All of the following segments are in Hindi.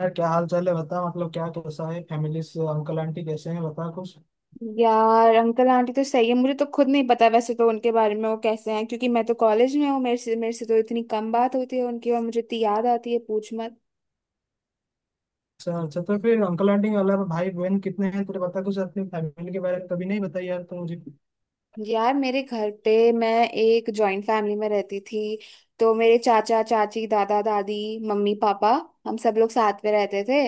यार क्या हाल चाल है बता। मतलब क्या कैसा है? फैमिली से अंकल आंटी कैसे हैं बता कुछ। यार अंकल आंटी तो सही है। मुझे तो खुद नहीं पता वैसे तो उनके बारे में, वो कैसे हैं, क्योंकि मैं तो कॉलेज में हूँ। मेरे से तो इतनी कम बात होती है उनकी और मुझे इतनी याद आती है, पूछ मत। अच्छा अच्छा, तो फिर अंकल आंटी के अलावा भाई बहन कितने हैं तेरे? बता कुछ अपनी फैमिली के बारे में। कभी नहीं बताई यार तो मुझे। यार मेरे घर पे मैं एक जॉइंट फैमिली में रहती थी। तो मेरे चाचा चाची, दादा दादी, मम्मी पापा, हम सब लोग साथ में रहते थे,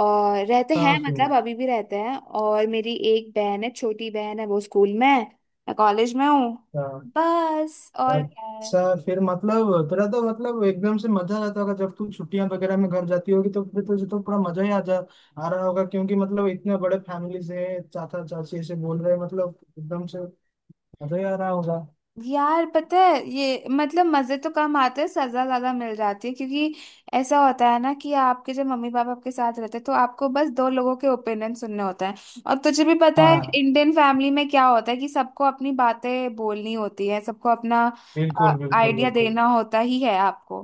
और रहते हाँ हैं, फिर। मतलब अभी भी रहते हैं। और मेरी एक बहन है, छोटी बहन है, वो स्कूल में है, मैं कॉलेज में हूँ। हाँ। बस और क्या है। अच्छा, फिर मतलब तेरा तो मतलब एकदम से मजा आ जाता होगा जब तू छुट्टियां वगैरह में घर जाती होगी। तो फिर तुझे तो पूरा मजा ही आ जा आ रहा होगा क्योंकि मतलब इतने बड़े फैमिली से चाचा चाची ऐसे बोल रहे हैं, मतलब एकदम से मजा ही आ रहा होगा। यार पता है, ये मतलब मजे तो कम आते हैं, सजा ज्यादा मिल जाती है। क्योंकि ऐसा होता है ना कि आपके जब मम्मी पापा आपके साथ रहते हैं तो आपको बस दो लोगों के ओपिनियन सुनने होते हैं। और तुझे भी पता है हाँ, इंडियन फैमिली में क्या होता है, कि सबको अपनी बातें बोलनी होती है, सबको अपना बिल्कुल बिल्कुल आइडिया बिल्कुल देना होता ही है आपको।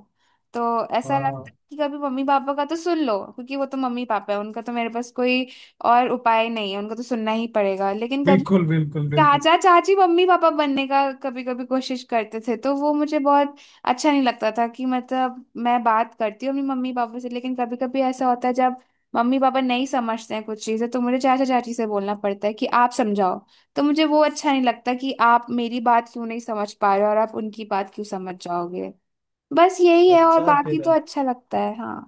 तो ऐसा लगता हाँ, है कि कभी मम्मी पापा का तो सुन लो, क्योंकि वो तो मम्मी पापा है, उनका तो, मेरे पास कोई और उपाय नहीं है, उनको तो सुनना ही पड़ेगा। लेकिन कभी बिल्कुल बिल्कुल बिल्कुल चाचा चाची मम्मी पापा बनने का कभी कभी कोशिश करते थे, तो वो मुझे बहुत अच्छा नहीं लगता था। कि मतलब मैं बात करती हूँ अपनी मम्मी पापा से, लेकिन कभी कभी ऐसा होता है जब मम्मी पापा नहीं समझते हैं कुछ चीजें, तो मुझे चाचा चाची से बोलना पड़ता है कि आप समझाओ। तो मुझे वो अच्छा नहीं लगता कि आप मेरी बात क्यों नहीं समझ पा रहे हो और आप उनकी बात क्यों समझ जाओगे। बस यही है, और अच्छा बाकी तेरा। तो अच्छा लगता है, हाँ।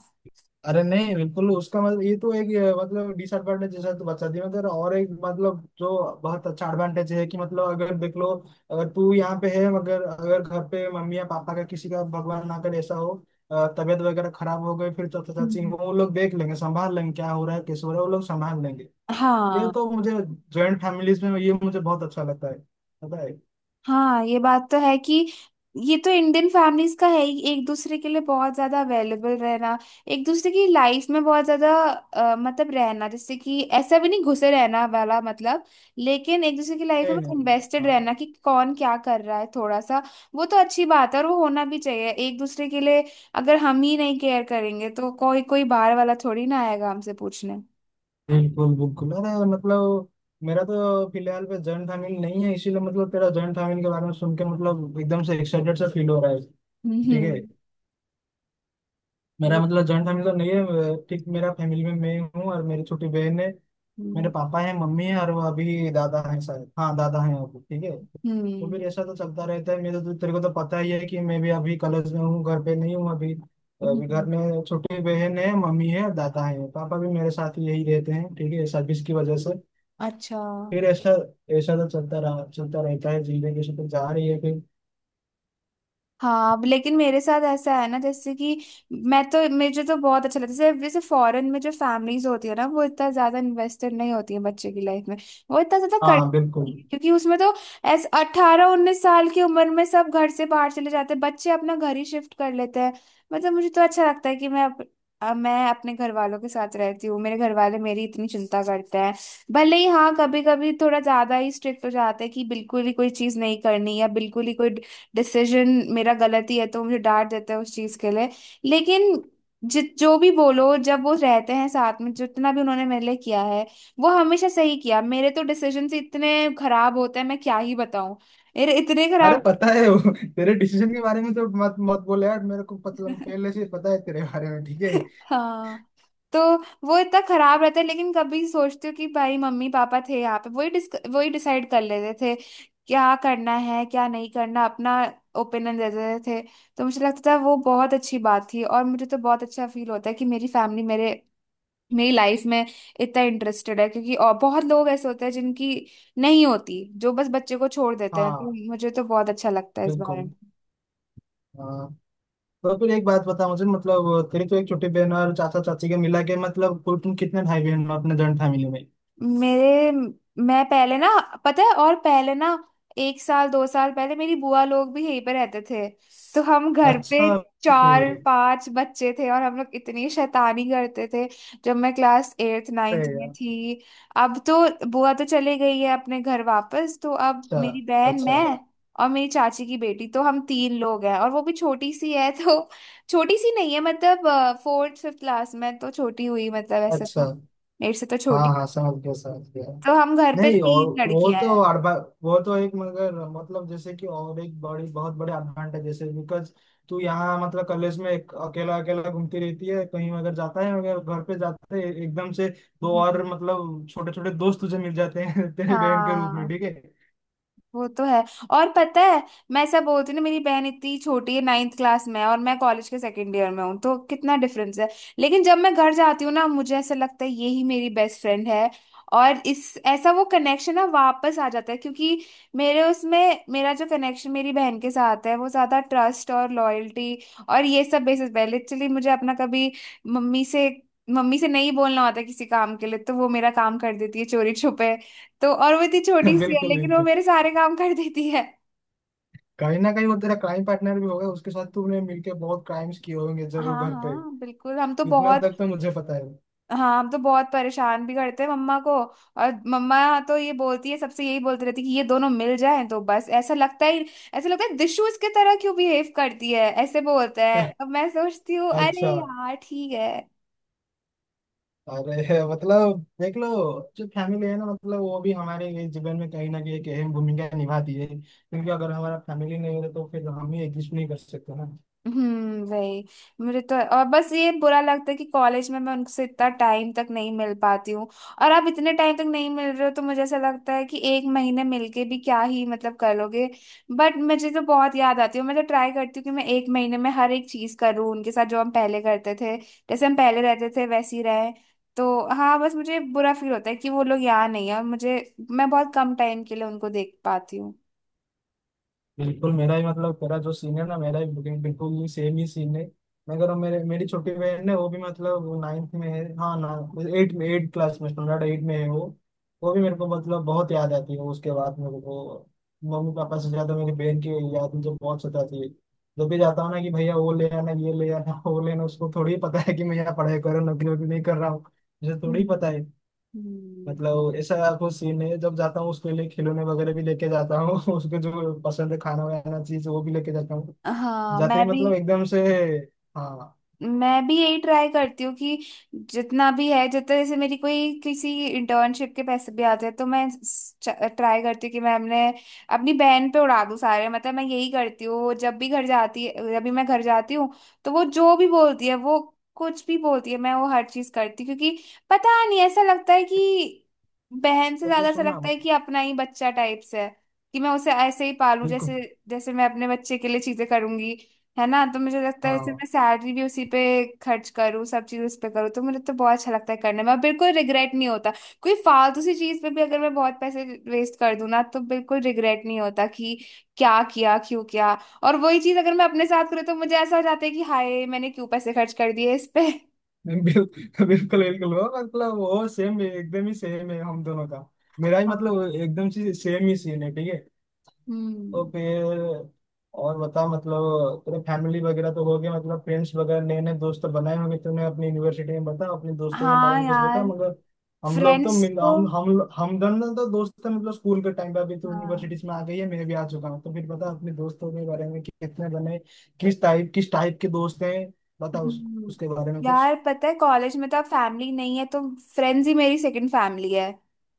अरे नहीं, बिल्कुल उसका मतलब ये तो एक मतलब डिसएडवांटेज जैसा तो बता दिया। मतलब और एक मतलब जो बहुत अच्छा एडवांटेज है कि मतलब अगर देख लो, अगर तू यहाँ पे है मगर अगर घर पे मम्मी या पापा का किसी का भगवान ना करे ऐसा हो, तबीयत वगैरह खराब हो गई, फिर चाचा चाची हम्म। हो, वो लोग देख लेंगे, संभाल लेंगे। क्या हो रहा है कैसे हो रहा है वो लोग संभाल लेंगे। ये हाँ। तो मुझे जॉइंट फैमिलीज में ये मुझे बहुत अच्छा लगता है पता है। हाँ ये बात तो है कि, ये तो इंडियन फैमिलीज का है ही, एक दूसरे के लिए बहुत ज्यादा अवेलेबल रहना। एक दूसरे की लाइफ में बहुत ज्यादा मतलब रहना, जैसे कि ऐसा भी नहीं घुसे रहना वाला मतलब, लेकिन एक दूसरे की लाइफ में नहीं मतलब नहीं। इन्वेस्टेड हाँ रहना, कि कौन क्या कर रहा है थोड़ा सा। वो तो अच्छी बात है और वो होना भी चाहिए एक दूसरे के लिए। अगर हम ही नहीं केयर करेंगे तो कोई कोई बाहर वाला थोड़ी ना आएगा हमसे पूछने। बिल्कुल बिल्कुल। अरे मतलब मेरा तो फिलहाल पे जॉइंट फैमिली नहीं है, इसीलिए मतलब तेरा जॉइंट फैमिली के बारे में सुन के मतलब एकदम से एक्साइटेड सा फील हो रहा है। हम्म। ठीक है। हम्म। मेरा ये मतलब जॉइंट फैमिली तो नहीं है, ठीक। मेरा फैमिली में मैं हूँ और मेरी छोटी बहन है। मेरे हम्म। पापा है मम्मी है और वो अभी दादा है शायद, हाँ दादा है अभी, ठीक है। तो हम्म। फिर ऐसा तो चलता रहता है। मेरे तो तेरे को तो पता ही है कि मैं भी अभी कॉलेज में हूँ, घर पे नहीं हूँ अभी। अभी घर हम्म। में छोटी बहन है, मम्मी है, दादा है, पापा भी मेरे साथ ही यही रहते हैं, ठीक है, सर्विस की वजह से। अच्छा। फिर ऐसा, ऐसा तो चलता रहता है, जिंदगी से तो जा रही है फिर। हाँ अब लेकिन मेरे साथ ऐसा है ना जैसे कि, मैं तो, मुझे तो बहुत अच्छा लगता है, जैसे जैसे फॉरेन में जो फैमिलीज होती है ना, वो इतना ज्यादा इन्वेस्टेड नहीं होती है बच्चे की लाइफ में, वो इतना ज्यादा कर, हाँ बिल्कुल। क्योंकि उसमें तो ऐसे 18 19 साल की उम्र में सब घर से बाहर चले जाते हैं, बच्चे अपना घर ही शिफ्ट कर लेते हैं। मतलब मुझे तो अच्छा लगता है कि मैं अपने घर वालों के साथ रहती हूँ, मेरे घर वाले मेरी इतनी चिंता करते हैं। भले ही हाँ कभी कभी थोड़ा ज्यादा ही स्ट्रिक्ट हो जाते हैं, कि बिल्कुल ही कोई चीज नहीं करनी, या बिल्कुल ही कोई डिसीजन मेरा गलत ही है तो मुझे डांट देते हैं उस चीज के लिए। लेकिन जित जो भी बोलो, जब वो रहते हैं साथ में, जितना भी उन्होंने मेरे लिए किया है वो हमेशा सही किया। मेरे तो डिसीजन इतने खराब होते हैं, मैं क्या ही बताऊं, मेरे इतने अरे खराब। पता है वो तेरे डिसीजन के बारे में तो मत मत बोले यार मेरे को, मतलब पहले से पता है तेरे बारे में, ठीक है। हाँ। तो वो इतना खराब रहता है, लेकिन कभी सोचती हूँ कि भाई मम्मी पापा थे यहाँ पे, वही डिसाइड कर लेते थे क्या करना है क्या नहीं करना, अपना ओपिनियन दे देते थे। तो मुझे लगता था वो बहुत अच्छी बात थी, और मुझे तो बहुत अच्छा फील होता है कि मेरी फैमिली मेरे मेरी लाइफ में इतना इंटरेस्टेड है। क्योंकि और बहुत लोग ऐसे होते हैं जिनकी नहीं होती, जो बस बच्चे को छोड़ देते हैं। तो हाँ मुझे तो बहुत अच्छा लगता है इस बारे में। बिल्कुल। हाँ, तो फिर एक बात बता मुझे, मतलब तेरी तो एक छोटी बहन और चाचा चाची के मिला के मतलब कुल तुम कितने भाई बहन हो अपने जॉइंट फैमिली में? मेरे मैं पहले ना, पता है, और पहले ना, 1 साल 2 साल पहले मेरी बुआ लोग भी यहीं पे रहते थे। तो हम घर पे अच्छा। चार फिर। पांच बच्चे थे और हम लोग इतनी शैतानी करते थे, जब मैं क्लास एट्थ नाइन्थ अरे में यार। थी। अब तो बुआ तो चली गई है अपने घर वापस, तो अब अच्छा। मेरी बहन, अच्छा। मैं और मेरी चाची की बेटी, तो हम तीन लोग हैं। और वो भी छोटी सी है, तो छोटी सी नहीं है मतलब, फोर्थ फिफ्थ क्लास में, तो छोटी हुई मतलब, ऐसे अच्छा। तो मेरे से तो हाँ छोटी। हाँ समझ गया समझ गया। तो हम घर पे नहीं और तीन वो लड़कियां तो हैं। अड़बा वो तो एक मगर मतलब जैसे कि और एक बड़ी बहुत बड़े एडवांटेज जैसे बिकॉज तू यहाँ मतलब कॉलेज में एक अकेला अकेला घूमती रहती है, कहीं अगर जाता है अगर घर पे जाते है एकदम से दो हम्म। और मतलब छोटे छोटे दोस्त तुझे मिल जाते हैं तेरे बहन के रूप में, हाँ ठीक है। वो तो है। और पता है, मैं ऐसा बोलती हूँ ना, मेरी बहन इतनी छोटी है, नाइन्थ क्लास में है, और मैं कॉलेज के सेकंड ईयर में हूँ, तो कितना डिफरेंस है। लेकिन जब मैं घर जाती हूँ ना, मुझे ऐसा लगता है यही मेरी बेस्ट फ्रेंड है। और इस ऐसा वो कनेक्शन ना वापस आ जाता है। क्योंकि मेरे उसमें, मेरा जो कनेक्शन मेरी बहन के साथ है, वो ज़्यादा ट्रस्ट और लॉयल्टी और ये सब बेसिस पे है। लिटरली मुझे अपना कभी मम्मी से मम्मी से नहीं बोलना होता किसी काम के लिए, तो वो मेरा काम कर देती है चोरी छुपे। तो और वो इतनी छोटी सी है, बिल्कुल लेकिन वो बिल्कुल। मेरे सारे काम कर देती है। कहीं ना कहीं वो तेरा क्राइम पार्टनर भी होगा, उसके साथ तूने मिलके बहुत क्राइम्स किए होंगे जरूर हाँ घर पे। हाँ बिल्कुल। हम तो इतना बहुत तक तो मुझे पता है। हाँ हम तो बहुत परेशान भी करते हैं मम्मा को, और मम्मा तो ये बोलती है सबसे, यही बोलती रहती है कि ये दोनों मिल जाएं तो बस, ऐसा लगता ही, ऐसा लगता है दिशु इसके तरह क्यों बिहेव करती है, ऐसे बोलता है। अब मैं सोचती हूँ, अरे अच्छा। यार ठीक है। अरे मतलब देख लो, जो फैमिली है ना मतलब वो भी हमारे ये जीवन में कहीं ना कहीं एक अहम भूमिका निभाती है, क्योंकि अगर हमारा फैमिली नहीं होता तो फिर हम ही एग्जिस्ट नहीं कर सकते ना। वही। मुझे तो और बस ये बुरा लगता है कि कॉलेज में मैं उनसे इतना टाइम तक नहीं मिल पाती हूँ। और आप इतने टाइम तक नहीं मिल रहे हो, तो मुझे ऐसा लगता है कि 1 महीने मिलके भी क्या ही मतलब कर लोगे। बट मुझे तो बहुत याद आती है, मैं तो ट्राई करती हूँ कि मैं 1 महीने में हर एक चीज करूँ उनके साथ, जो हम पहले करते थे, जैसे हम पहले रहते थे वैसे ही रहे। तो हाँ बस मुझे बुरा फील होता है कि वो लोग यहाँ नहीं है, और मुझे, मैं बहुत कम टाइम के लिए उनको देख पाती हूँ। बिल्कुल, मेरा ही मतलब तेरा जो सीन है ना, मेरा ही बिल्कुल बिल्कुल ही सेम ही सीन है। मैं कह रहा हूँ मेरे मेरी छोटी बहन है, वो भी मतलब नाइन्थ में है, हाँ ना, एट में, एट क्लास में, स्टैंडर्ड एट में है वो। वो भी मेरे को मतलब बहुत याद आती है। उसके बाद मेरे को मम्मी पापा से ज्यादा मेरी बहन की याद मुझे बहुत सताती है। जब भी जाता हूँ ना कि भैया वो ले आना ये ले आना वो लेना। उसको थोड़ी पता है कि मैं यहाँ पढ़ाई कर रहा हूँ, नौकरी वोकरी नहीं कर रहा हूँ। मुझे हम्म। थोड़ी पता है। हम्म। मतलब ऐसा कुछ सीन नहीं है। जब जाता हूँ उसके लिए खिलौने वगैरह भी लेके जाता हूँ उसको जो पसंद है खाना वाना चीज वो भी लेके जाता हूँ। हाँ जाते मैं ही भी मतलब एकदम से। हाँ। मैं भी यही ट्राई करती हूँ कि जितना भी है, जितना, जैसे मेरी कोई किसी इंटर्नशिप के पैसे भी आते हैं, तो मैं ट्राई करती हूँ कि मैं अपने अपनी बहन पे उड़ा दूँ सारे। मतलब मैं यही करती हूँ, वो जब भी घर जाती है, जब भी मैं घर जाती हूँ, तो वो जो भी बोलती है, वो कुछ भी बोलती है मैं वो हर चीज करती हूँ। क्योंकि पता नहीं ऐसा लगता है कि, बहन से तो फिर ज्यादा ऐसा सुनना लगता है मतलब। कि अपना ही बच्चा टाइप से है, कि मैं उसे ऐसे ही पालूं बिल्कुल। जैसे, जैसे मैं अपने बच्चे के लिए चीजें करूंगी। है ना। तो मुझे लगता है जैसे हाँ मैं सैलरी भी उसी पे खर्च करूँ, सब चीज़ उस पे करूँ, तो मुझे तो बहुत अच्छा लगता है करने में, और बिल्कुल रिग्रेट नहीं होता। कोई फालतू सी चीज़ पे भी अगर मैं बहुत पैसे वेस्ट कर दूँ ना, तो बिल्कुल रिग्रेट नहीं होता कि क्या किया क्यों किया। और वही चीज़ अगर मैं अपने साथ करूँ, तो मुझे ऐसा हो जाता है कि हाय मैंने क्यों पैसे खर्च कर दिए इस पे। बिल्कुल। बिल्कुल वो मतलब वो सेम एकदम ही सेम है हम दोनों का। मेरा ही हाँ। मतलब एकदम से सेम ही सीन है, ठीक है। तो हम्म। फिर और बता, मतलब तेरे फैमिली वगैरह तो हो गए, मतलब फ्रेंड्स वगैरह नए नए दोस्त तो बनाए होंगे तूने अपनी यूनिवर्सिटी में, बता अपने दोस्तों के बारे हाँ। में कुछ बता यार मगर। हम लोग तो फ्रेंड्स मिल तो, हम दोनों तो दोस्त थे मतलब स्कूल के टाइम पे, अभी तो हाँ। यूनिवर्सिटीज में आ गई है, मैं भी आ चुका हूँ। तो फिर बता अपने दोस्तों के बारे में कि कितने बने, किस टाइप के दोस्त हैं। बता हम्म। उसके बारे में यार पता है कॉलेज में तो अब फैमिली नहीं है, तो फ्रेंड्स ही मेरी सेकंड फैमिली है।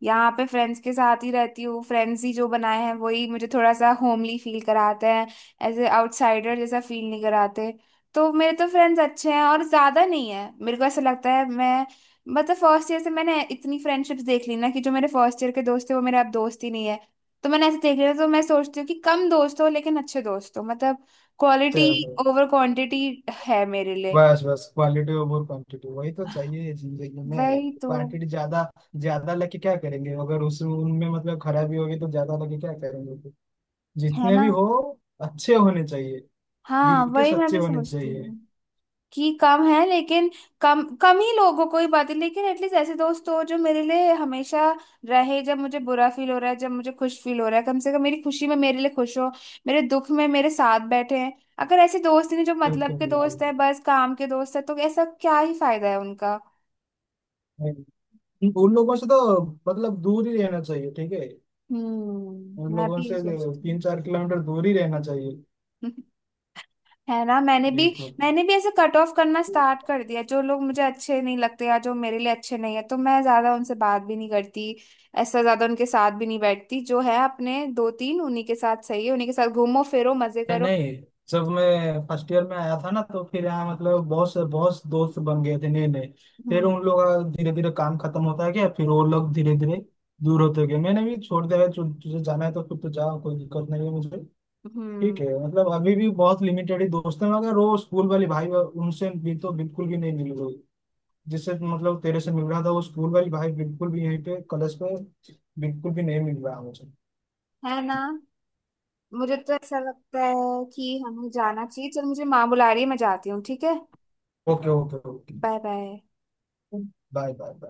यहाँ पे फ्रेंड्स के साथ ही रहती हूँ, फ्रेंड्स ही जो बनाए हैं वही मुझे थोड़ा सा होमली फील कराते हैं, ऐसे आउटसाइडर जैसा फील नहीं कराते। तो मेरे तो फ्रेंड्स अच्छे हैं और ज्यादा नहीं है। मेरे को ऐसा लगता है मैं, मतलब फर्स्ट ईयर से मैंने इतनी फ्रेंडशिप्स देख ली ना, कि जो मेरे फर्स्ट ईयर के दोस्त थे वो मेरे अब दोस्त ही नहीं है। तो मैंने ऐसे देख लिया, तो मैं सोचती हूँ कि कम दोस्त हो लेकिन अच्छे दोस्त हो। मतलब क्वालिटी कुछ। ओवर क्वांटिटी है मेरे लिए। बस बस, क्वालिटी ओवर क्वांटिटी वही तो चाहिए जिंदगी में। वही तो। क्वांटिटी ज्यादा ज्यादा लेके क्या करेंगे अगर उस उनमें मतलब खराबी होगी तो ज्यादा लेके क्या करेंगे फिर? है जितने ना। भी हो अच्छे होने चाहिए। दिल हाँ के वही मैं सच्चे भी होने सोचती चाहिए। हूँ कि कम है लेकिन, कम कम ही लोग हो कोई बात नहीं, लेकिन एटलीस्ट ऐसे दोस्त हो जो मेरे लिए हमेशा रहे। जब मुझे बुरा फील हो रहा है, जब मुझे खुश फील हो रहा है, कम से कम मेरी खुशी में मेरे लिए खुश हो, मेरे दुख में मेरे साथ बैठे हैं। अगर ऐसे दोस्त ही नहीं जो मतलब बिल्कुल के बिल्कुल। दोस्त है, बस काम के दोस्त है, तो ऐसा क्या ही फायदा है उनका। नहीं, उन लोगों से तो मतलब दूर ही रहना चाहिए, ठीक है। उन मैं लोगों भी से यही सोचती तीन चार किलोमीटर दूर ही रहना चाहिए। हूँ। है ना। मैंने भी बिल्कुल। मैंने भी ऐसे कट ऑफ करना स्टार्ट कर दिया, जो लोग मुझे अच्छे नहीं लगते या जो मेरे लिए अच्छे नहीं है तो मैं ज्यादा उनसे बात भी नहीं करती। ऐसा ज्यादा उनके साथ भी नहीं बैठती, जो है अपने दो तीन उन्हीं के साथ सही है, उन्हीं के साथ घूमो फिरो मजे नहीं करो। नहीं, जब मैं फर्स्ट ईयर में आया था ना, तो फिर यहाँ मतलब बहुत से दोस्त बन गए थे नए नए। फिर हम्म। उन लोग का धीरे धीरे काम खत्म होता गया, फिर वो लोग धीरे धीरे दूर होते गए। मैंने भी छोड़ दिया, तुझे जाना है तो फिर तो जाओ, कोई दिक्कत नहीं है मुझे। ठीक हम्म। है, मतलब अभी भी बहुत लिमिटेड ही दोस्त हैं, मगर वो स्कूल वाली उनसे भी तो बिल्कुल भी नहीं मिल रही। जिससे मतलब तेरे से मिल रहा था वो स्कूल वाली भाई, बिल्कुल भी यहीं पे कॉलेज पे बिल्कुल भी नहीं मिल रहा मुझे। है ना। मुझे तो ऐसा लगता है कि हमें जाना चाहिए। चल मुझे माँ बुला रही है, मैं जाती हूँ, ठीक है। Okay okay okay. Bye bye. Bye bye bye.